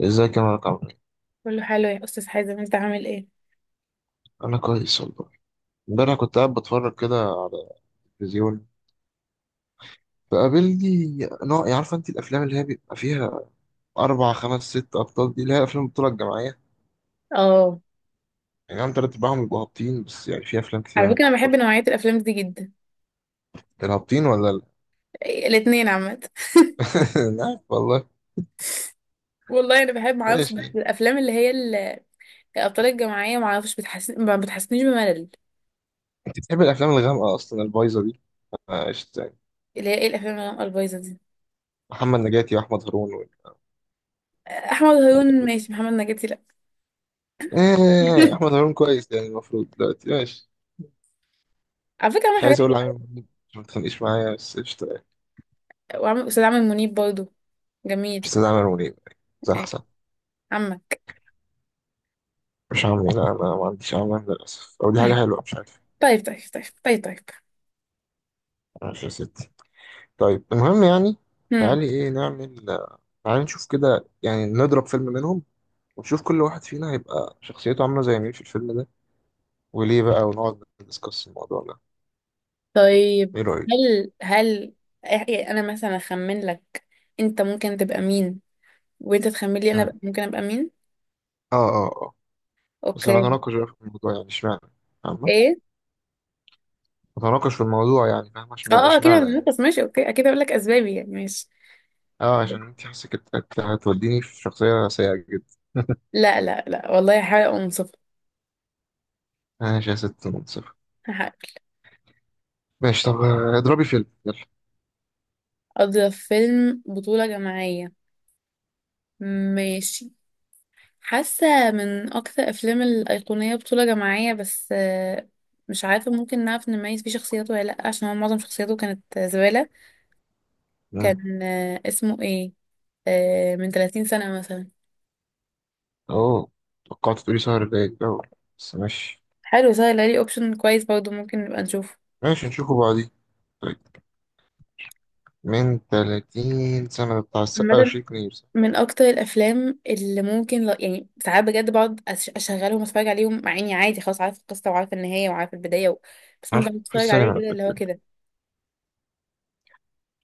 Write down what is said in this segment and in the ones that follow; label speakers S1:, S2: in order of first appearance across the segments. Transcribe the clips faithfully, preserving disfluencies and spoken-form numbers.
S1: ازيك يا مارك عمرو؟
S2: كله حلو يا استاذ حازم، انت عامل ايه؟
S1: انا كويس والله. امبارح كنت قاعد بتفرج كده على التلفزيون، فقابلني نوع، يعني عارفه انت الافلام اللي هي بيبقى فيها اربع خمس ست ابطال دي، اللي هي افلام البطوله الجماعيه،
S2: اه.
S1: يعني عم تلات ارباعهم بيبقوا هابطين، بس يعني في افلام كتير
S2: على
S1: انا
S2: فكره
S1: بحب
S2: انا بحب
S1: برضه
S2: نوعيه الافلام دي جدا،
S1: الهابطين ولا لا.
S2: الاثنين عامه.
S1: أنا عارف والله.
S2: والله انا بحب، معرفش، بس
S1: ماشي.
S2: الافلام اللي هي ال- الابطال الجماعيه معرفش بتحسن ما بتحسنيش بملل.
S1: انت بتحب الافلام الغامقه اصلا البايظه دي؟ آه، قشطه يعني.
S2: اللي هي ايه الافلام اللي البايظه دي؟
S1: محمد نجاتي واحمد هارون و...
S2: احمد هارون ماشي، محمد نجاتي لا.
S1: ايه احمد هارون كويس يعني، المفروض دلوقتي ماشي.
S2: على فكره عمل
S1: مش
S2: حاجات
S1: عايز اقول عامل
S2: حلوه،
S1: منيب عشان ما تتخانقيش معايا، بس قشطه يعني.
S2: وعمل استاذ عامر منيب برضو. جميل.
S1: مش عايز اعمل منيب. صح،
S2: إيه،
S1: صح.
S2: عمك.
S1: مش عامل إيه؟ لا، أنا ما عنديش أعمال للأسف، أو دي حاجة حلوة مش عارف.
S2: طيب طيب طيب طيب طيب طيب.
S1: ماشي يا ستي. طيب المهم يعني.
S2: هم.
S1: تعالي إيه نعمل؟ تعالي نشوف كده، يعني نضرب فيلم منهم، ونشوف كل واحد فينا هيبقى شخصيته عاملة زي مين في الفيلم ده، وليه بقى، ونقعد ندسكس الموضوع ده.
S2: طيب.
S1: إيه رأيك؟
S2: هل هل إيه- انا مثلا اخمن لك انت ممكن تبقى مين، وانت تخمن لي انا
S1: مم.
S2: بقى ممكن ابقى مين.
S1: آه، آه، آه. بس أنا
S2: اوكي.
S1: أتناقش بقى في الموضوع، يعني إشمعنى. فاهمة؟
S2: ايه.
S1: أتناقش في الموضوع يعني، فاهمة
S2: اه
S1: إشمعنى
S2: اه، اكيد
S1: إشمعنى يعني.
S2: هنتنفس، ماشي، اوكي، اكيد هقول لك اسبابي يعني، ماشي.
S1: آه، عشان أنت حاسك إنت- إنت هتوديني في شخصية سيئة جدا.
S2: لا لا لا، والله هحاول ابقى منصفه.
S1: ماشي يا ست منصف.
S2: هحاول.
S1: ماشي طب، آه، اضربي فيلم.
S2: اضرب فيلم بطوله جماعيه. ماشي. حاسه من اكثر افلام الايقونيه بطوله جماعيه، بس آه، مش عارفه ممكن نعرف نميز فيه شخصياته ولا لا، عشان هو معظم شخصياته كانت زباله.
S1: يلا.
S2: كان، آه، اسمه ايه، آه، من تلاتين سنه مثلا.
S1: اه. توقعت تقولي شهر باقي الأول، بس ماشي.
S2: حلو، سهل، علي اوبشن كويس برضه ممكن نبقى نشوفه.
S1: ماشي نشوفه بعدين. طيب. من 30 سنة ده بتاع السقا
S2: عامة
S1: وشريك نير، صح؟
S2: من اكتر الافلام اللي ممكن ل... يعني ساعات بجد بقعد أش- اشغلهم واتفرج عليهم، مع اني عادي خلاص عارفه القصه وعارفه النهايه وعارفه البدايه و... بس
S1: أنا شفته
S2: ممكن
S1: في
S2: اتفرج
S1: السينما
S2: عليه
S1: أنا
S2: كده اللي هو
S1: فاكر.
S2: كده.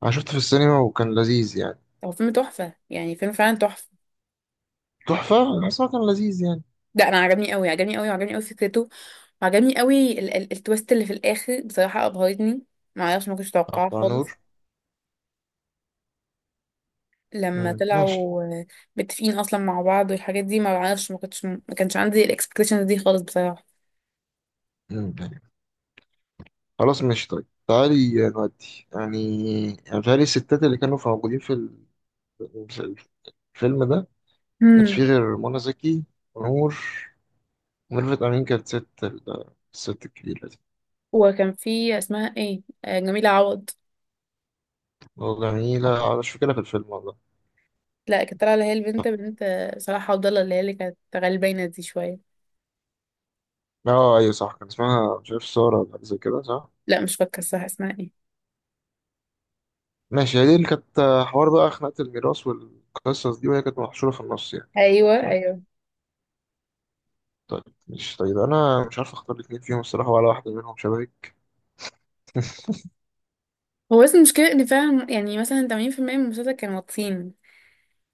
S1: أنا شفته في السينما وكان لذيذ يعني.
S2: هو فيلم تحفه يعني، فيلم فعلا تحفه.
S1: تحفة، أنا بس هو كان لذيذ يعني.
S2: لا انا عجبني قوي، عجبني قوي، وعجبني قوي فكرته، وعجبني قوي ال... ال... التويست اللي في الاخر بصراحه ابهرتني، ما اعرفش، ما كنتش متوقعاه
S1: بتاع
S2: خالص.
S1: نور.
S2: لما
S1: مم، ماشي.
S2: طلعوا آه، متفقين اصلا مع بعض والحاجات دي، ما اعرفش، ما كنتش ما كانش عندي الاكسبكتيشنز دي خالص بصراحه.
S1: مم، يعني خلاص ماشي طيب، تعالي نودي يعني. يعني بتهيألي الستات اللي كانوا في موجودين في ال- في الفيلم ده كانش فيه
S2: امم.
S1: غير منى زكي ونور. وميرفت أمين كانت ست ال- الست الكبيرة دي.
S2: وكان في اسمها ايه، آه، جميله عوض.
S1: اه جميلة أنا مش فاكرها في الفيلم والله.
S2: لا كانت طالعة اللي هي البنت بنت صلاح عبد الله، اللي هي اللي كانت غلبانة دي شوية.
S1: اه أيوة صح، كان اسمها مش عارف سارة ولا حاجة زي كده، صح.
S2: لا مش فاكرة الصح اسمها ايه.
S1: ماشي هي دي اللي كانت، آه، حوار بقى، خناقة الميراث والقصص دي، وهي كانت محشورة في النص يعني.
S2: ايوه
S1: صح.
S2: ايوه.
S1: طيب، مش طيب، أنا مش عارف أختار الاتنين فيهم الصراحة ولا واحدة منهم شبهي.
S2: هو بس المشكلة ان فعلا يعني مثلا تمانين بالمية من المسلسل كانوا واطيين،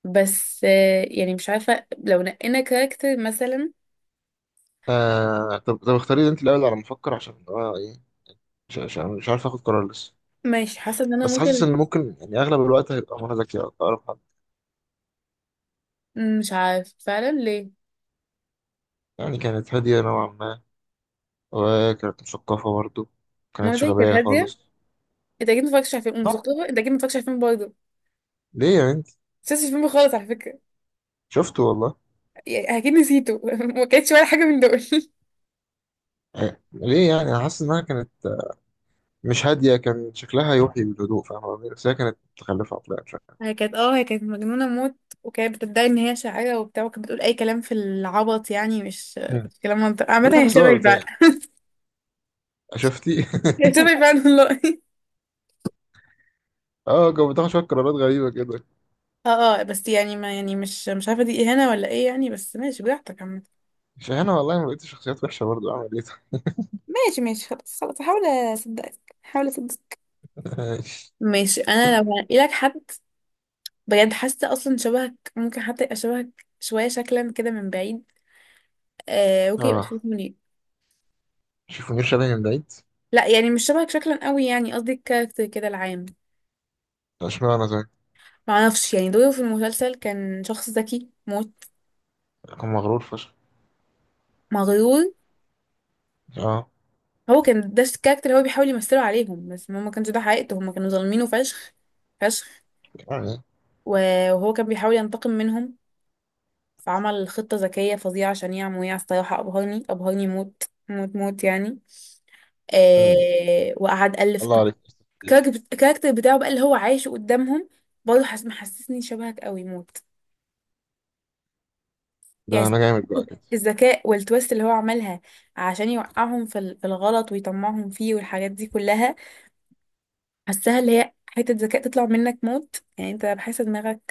S2: بس آه، يعني مش عارفة لو نقينا كاركتر مثلا.
S1: آه طب طب اختاري لي أنت الأول على ما أفكر، عشان أنا إيه، مش مش- مش عارف آخد قرار لسه.
S2: ماشي. حاسة ان انا
S1: بس حاسس
S2: ممكن.
S1: إن ممكن يعني أغلب الوقت هيبقى منى زكي أقرب حد.
S2: مش عارف فعلا ليه.
S1: يعني كانت هادية نوعا ما، وكانت مثقفة برضه، ما كانتش
S2: منى كانت
S1: غبية
S2: هادية.
S1: خالص.
S2: انت اكيد متفرجتش على فيلم
S1: نوع.
S2: ومثقفة، انت اكيد متفرجتش على فيلم برضه،
S1: ليه يا بنت؟
S2: مش شفتش الفيلم خالص على فكرة.
S1: شفته والله.
S2: يعني اكيد نسيته. ما كانتش ولا حاجة من دول.
S1: أه، ليه يعني، انا حاسس انها كانت مش هاديه، كان شكلها يوحي بالهدوء فاهم قصدي، بس هي كانت متخلفه عقليا شويه.
S2: هي كانت اه، هي كانت مجنونة موت، وكانت بتدعي ان هي شاعرة وبتاع، وكانت بتقول اي كلام في العبط يعني، مش
S1: مم.
S2: مش كلام منطقي،
S1: ده
S2: عامة
S1: كان
S2: هي
S1: هزار
S2: شبهي
S1: بتاعي.
S2: فعلا.
S1: شفتي؟
S2: هي شبهي فعلا والله.
S1: اه كانت بتاخد شويه قرارات غريبه كده.
S2: اه اه، بس يعني ما يعني، مش مش عارفة دي اهانة ولا ايه يعني، بس ماشي براحتك عامة.
S1: مش انا والله ما لقيت شخصيات وحشه برضه اعمل ايه.
S2: ماشي ماشي، خلاص خلاص، هحاول اصدقك، هحاول اصدقك.
S1: طيب؟
S2: ماشي، انا لو هلاقي لك حد. بجد حاسة اصلا شبهك، ممكن حتى يبقى شبهك شوية شكلا كده من بعيد. آه، ممكن يبقى شبهك
S1: اه.
S2: منير.
S1: شوف منير شلبي من بعيد.
S2: لا يعني مش شبهك شكلا قوي، يعني قصدي الكاركتر كده العام.
S1: اشمعنى زي.
S2: معرفش يعني، دوره في المسلسل كان شخص ذكي موت.
S1: كان مغرور فشخ.
S2: مغرور.
S1: اه.
S2: هو كان ده الكاركتر اللي هو بيحاول يمثله عليهم، بس هما ما كانش ده حقيقته، هما كانوا ظالمينه فشخ فشخ.
S1: يعني.
S2: و- وهو كان بيحاول ينتقم منهم، فعمل خطة ذكية فظيعة عشان يعمل، الصراحة أبهرني، أبهرني موت، موت موت يعني.
S1: مم.
S2: آه، وقعد ألف
S1: الله عليك يا أستاذ شريف.
S2: الكاركتر بتاعه بقى اللي هو عايشه قدامهم. برضه حس- محسسني شبهك قوي موت
S1: ده
S2: يعني،
S1: انا جامد بقى كده.
S2: الذكاء والتويست اللي هو عملها عشان يوقعهم في ال- في الغلط ويطمعهم فيه والحاجات دي كلها، حاساها اللي هي حتة ذكاء تطلع منك موت، يعني انت بحس دماغك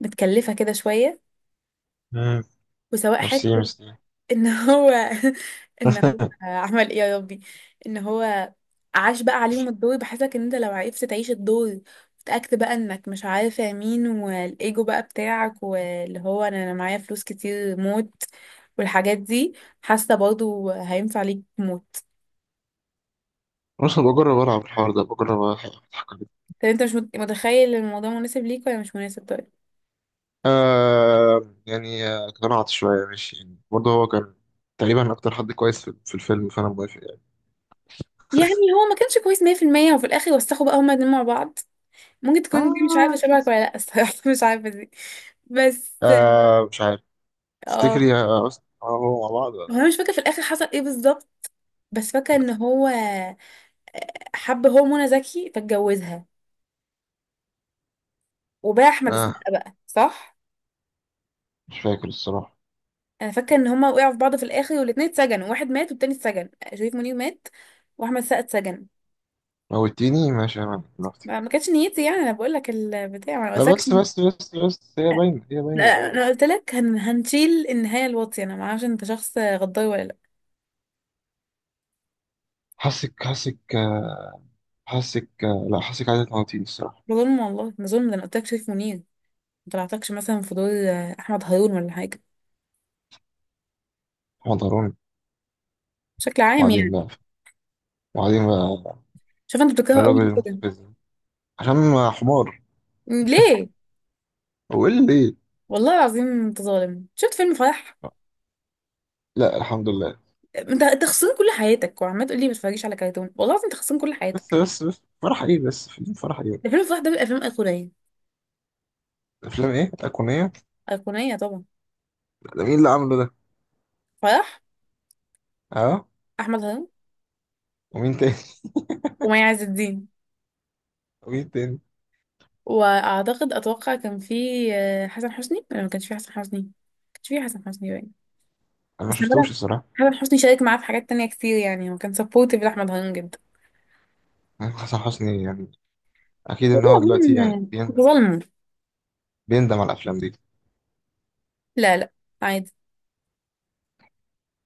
S2: متكلفة كده شوية،
S1: مم.
S2: وسواء
S1: ميرسي،
S2: حتة
S1: ميرسي.
S2: ان هو ان هو عمل ايه يا ربي، ان هو عاش بقى عليهم الدور، بحسك ان انت لو عرفت تعيش الدور وتأكد بقى انك مش عارفة مين، والايجو بقى بتاعك، واللي هو انا، أنا معايا فلوس كتير موت، والحاجات دي. حاسة برضو هينفع ليك موت.
S1: بص، بجرب العب الحوار ده، بجرب اضحك.
S2: طب انت مش مت- متخيل إن الموضوع مناسب ليك ولا مش مناسب؟ طيب.
S1: آه. يعني آه، اقتنعت شوية ماشي يعني، برضه هو كان تقريبا أكتر حد كويس في في الفيلم، فأنا موافق يعني.
S2: يعني هو ما كانش كويس مئة في المئة، وفي الاخر وسخوا بقى هما الاتنين مع بعض. ممكن تكون دي مش عارفة
S1: آه
S2: شبهك
S1: بس.
S2: ولا لا الصراحة. مش عارفة دي، بس
S1: آه مش عارف.
S2: اه.
S1: تفتكري يا أست هو مع بعض
S2: هو
S1: ولا؟
S2: انا مش فاكره في الاخر حصل ايه بالظبط، بس فاكره ان هو حب هو منى زكي فاتجوزها وباع احمد
S1: لأ؟ آه.
S2: السقا بقى، صح؟
S1: مش فاكر الصراحة.
S2: انا فاكره ان هما وقعوا في بعض في الاخر والاتنين اتسجنوا، واحد مات والتاني اتسجن، شريف منير مات واحمد السقا اتسجن.
S1: موتيني ماشي يا مان دلوقتي.
S2: ما ما كانتش نيتي يعني، انا بقول لك البتاع، ما انا
S1: لا،
S2: قلت لك.
S1: بس بس بس بس هي باينة هي باينة من
S2: لا، انا
S1: الأول.
S2: قلت لك هن... هنشيل النهايه الواطيه، انا ما اعرفش انت شخص غدار ولا لا.
S1: حاسك حاسك، آه، حاسك، آه، لا، حاسك عايزة تموتيني الصراحة.
S2: ده ظلم والله، ده ظلم، ده انا قلت لك شريف منير، ما طلعتكش مثلا في دور احمد هارون ولا حاجه،
S1: حضروني.
S2: بشكل عام
S1: وبعدين
S2: يعني.
S1: بقى. وبعدين بقى.
S2: شوف انت
S1: في
S2: بتكرهه قوي
S1: الراجل
S2: ليه كده؟
S1: المستفز ده. عشان حمار.
S2: ليه؟
S1: هو إيه اللي.
S2: والله العظيم انت ظالم، شفت فيلم فرح؟
S1: لا، الحمد لله.
S2: انت انت خسران كل حياتك وعمال تقول لي ما تتفرجيش على كرتون، والله العظيم انت خسران كل
S1: بس
S2: حياتك.
S1: بس بس فرح ايه، بس فيلم فرح ايه؟
S2: ده فيلم فرح، ده من الافلام الايقونيه.
S1: افلام ايه ايقونيه؟
S2: ايقونيه طبعا.
S1: ده مين اللي عامله ده؟
S2: فرح.
S1: اه.
S2: احمد هرم.
S1: ومين تاني؟
S2: ومي عز الدين.
S1: ومين تاني؟
S2: واعتقد اتوقع كان في آه، حسن حسني، ولا ما كانش في حسن حسني، ما كانش في حسن حسني باين.
S1: انا ما
S2: بس انا
S1: شفتوش
S2: بدأ،
S1: الصراحه.
S2: حسن حسني شارك معاه في حاجات تانية كتير يعني، هو كان سبورتيف لاحمد هرم جدا.
S1: يعني حسن حسني يعني، اكيد ان
S2: والله
S1: هو دلوقتي
S2: العظيم
S1: يعني
S2: انت
S1: بيندم،
S2: ظالمه.
S1: بيندم على الافلام دي.
S2: لا لا، عادي.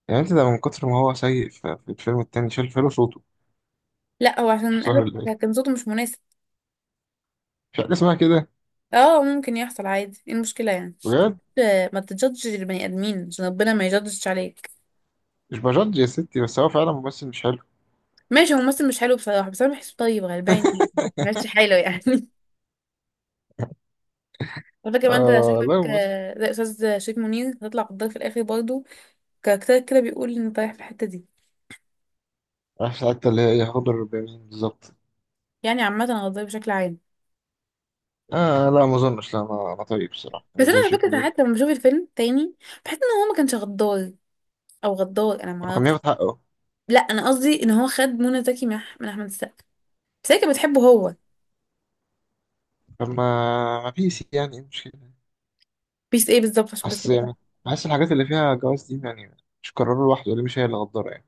S1: يعني انت ده من كتر ما هو سيء في في الفيلم التاني شال فيلم صوته.
S2: لا هو عشان
S1: مش عارف اللي-.
S2: قالت كان صوته مش مناسب،
S1: مش حاجه اسمها كده.
S2: اه ممكن يحصل عادي، ايه المشكله يعني؟
S1: بجد.
S2: ما تجدش البني ادمين عشان ربنا ما يجدش عليك.
S1: مش بجد يا ستي، بس هو فعلا ممثل مش حلو.
S2: ماشي، هو ممثل مش حلو بصراحه، بس انا بحسه طيب غلبان يعني، ماشي حاله يعني. على فكره ما انت
S1: اه
S2: شكلك
S1: لا ممثل.
S2: آه، زي استاذ شريف منير، هتطلع قدام في الاخر برضه، كاركترك كده بيقول ان رايح في الحته دي،
S1: عارف حتى اللي هي ايه هضر بمين بالظبط.
S2: يعني عامه غدار بشكل عام.
S1: اه لا ما اظنش، لا انا أنا طيب الصراحه،
S2: بس
S1: مش
S2: انا
S1: زي
S2: على
S1: شريف
S2: فكره
S1: منير.
S2: ساعات لما بشوف الفيلم تاني، بحس ان هو ما كانش غدار، او غدار انا ما
S1: هو كان
S2: اعرفش.
S1: بياخد حقه.
S2: لا انا قصدي ان هو خد منى زكي من أح- من احمد السقا، بس هي كانت بتحبه هو.
S1: طب ما ما بيس يعني، ايه المشكلة؟
S2: بيس ايه بالظبط عشان بس؟
S1: أصل يعني، بحس الحاجات اللي فيها جواز دي يعني، مش قراره لوحده، اللي مش هي اللي غدارة يعني.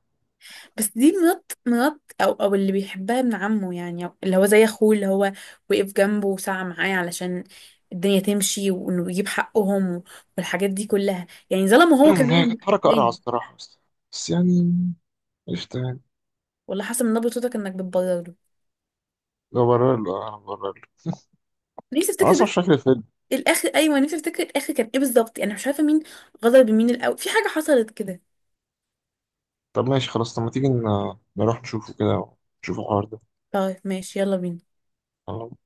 S2: بس دي مرات، مرات او او اللي بيحبها ابن عمه يعني، أو اللي هو زي اخوه، اللي هو وقف جنبه وسعى معاه علشان الدنيا تمشي وانه يجيب حقهم والحاجات دي كلها، يعني ظلمه هو
S1: هي
S2: كمان
S1: كانت
S2: بقى
S1: حركة قرعة
S2: تاني.
S1: الصراحة، بس. بس يعني قشطة يعني.
S2: والله حسب من نبرة صوتك انك بتبرر له.
S1: لو برر له أنا برر له.
S2: نفسي
S1: أنا
S2: افتكر
S1: أصلا مش
S2: بس
S1: فاكر الفيلم.
S2: الاخر، ايوه نفسي افتكر الاخر كان ايه بالظبط، يعني مش عارفه مين غدر بمين الاول، في حاجه حصلت كده.
S1: طب ماشي خلاص، طب ما تيجي ن- نروح نشوفه كده ونشوف الحوار
S2: طيب ماشي، يلا بينا.
S1: ده.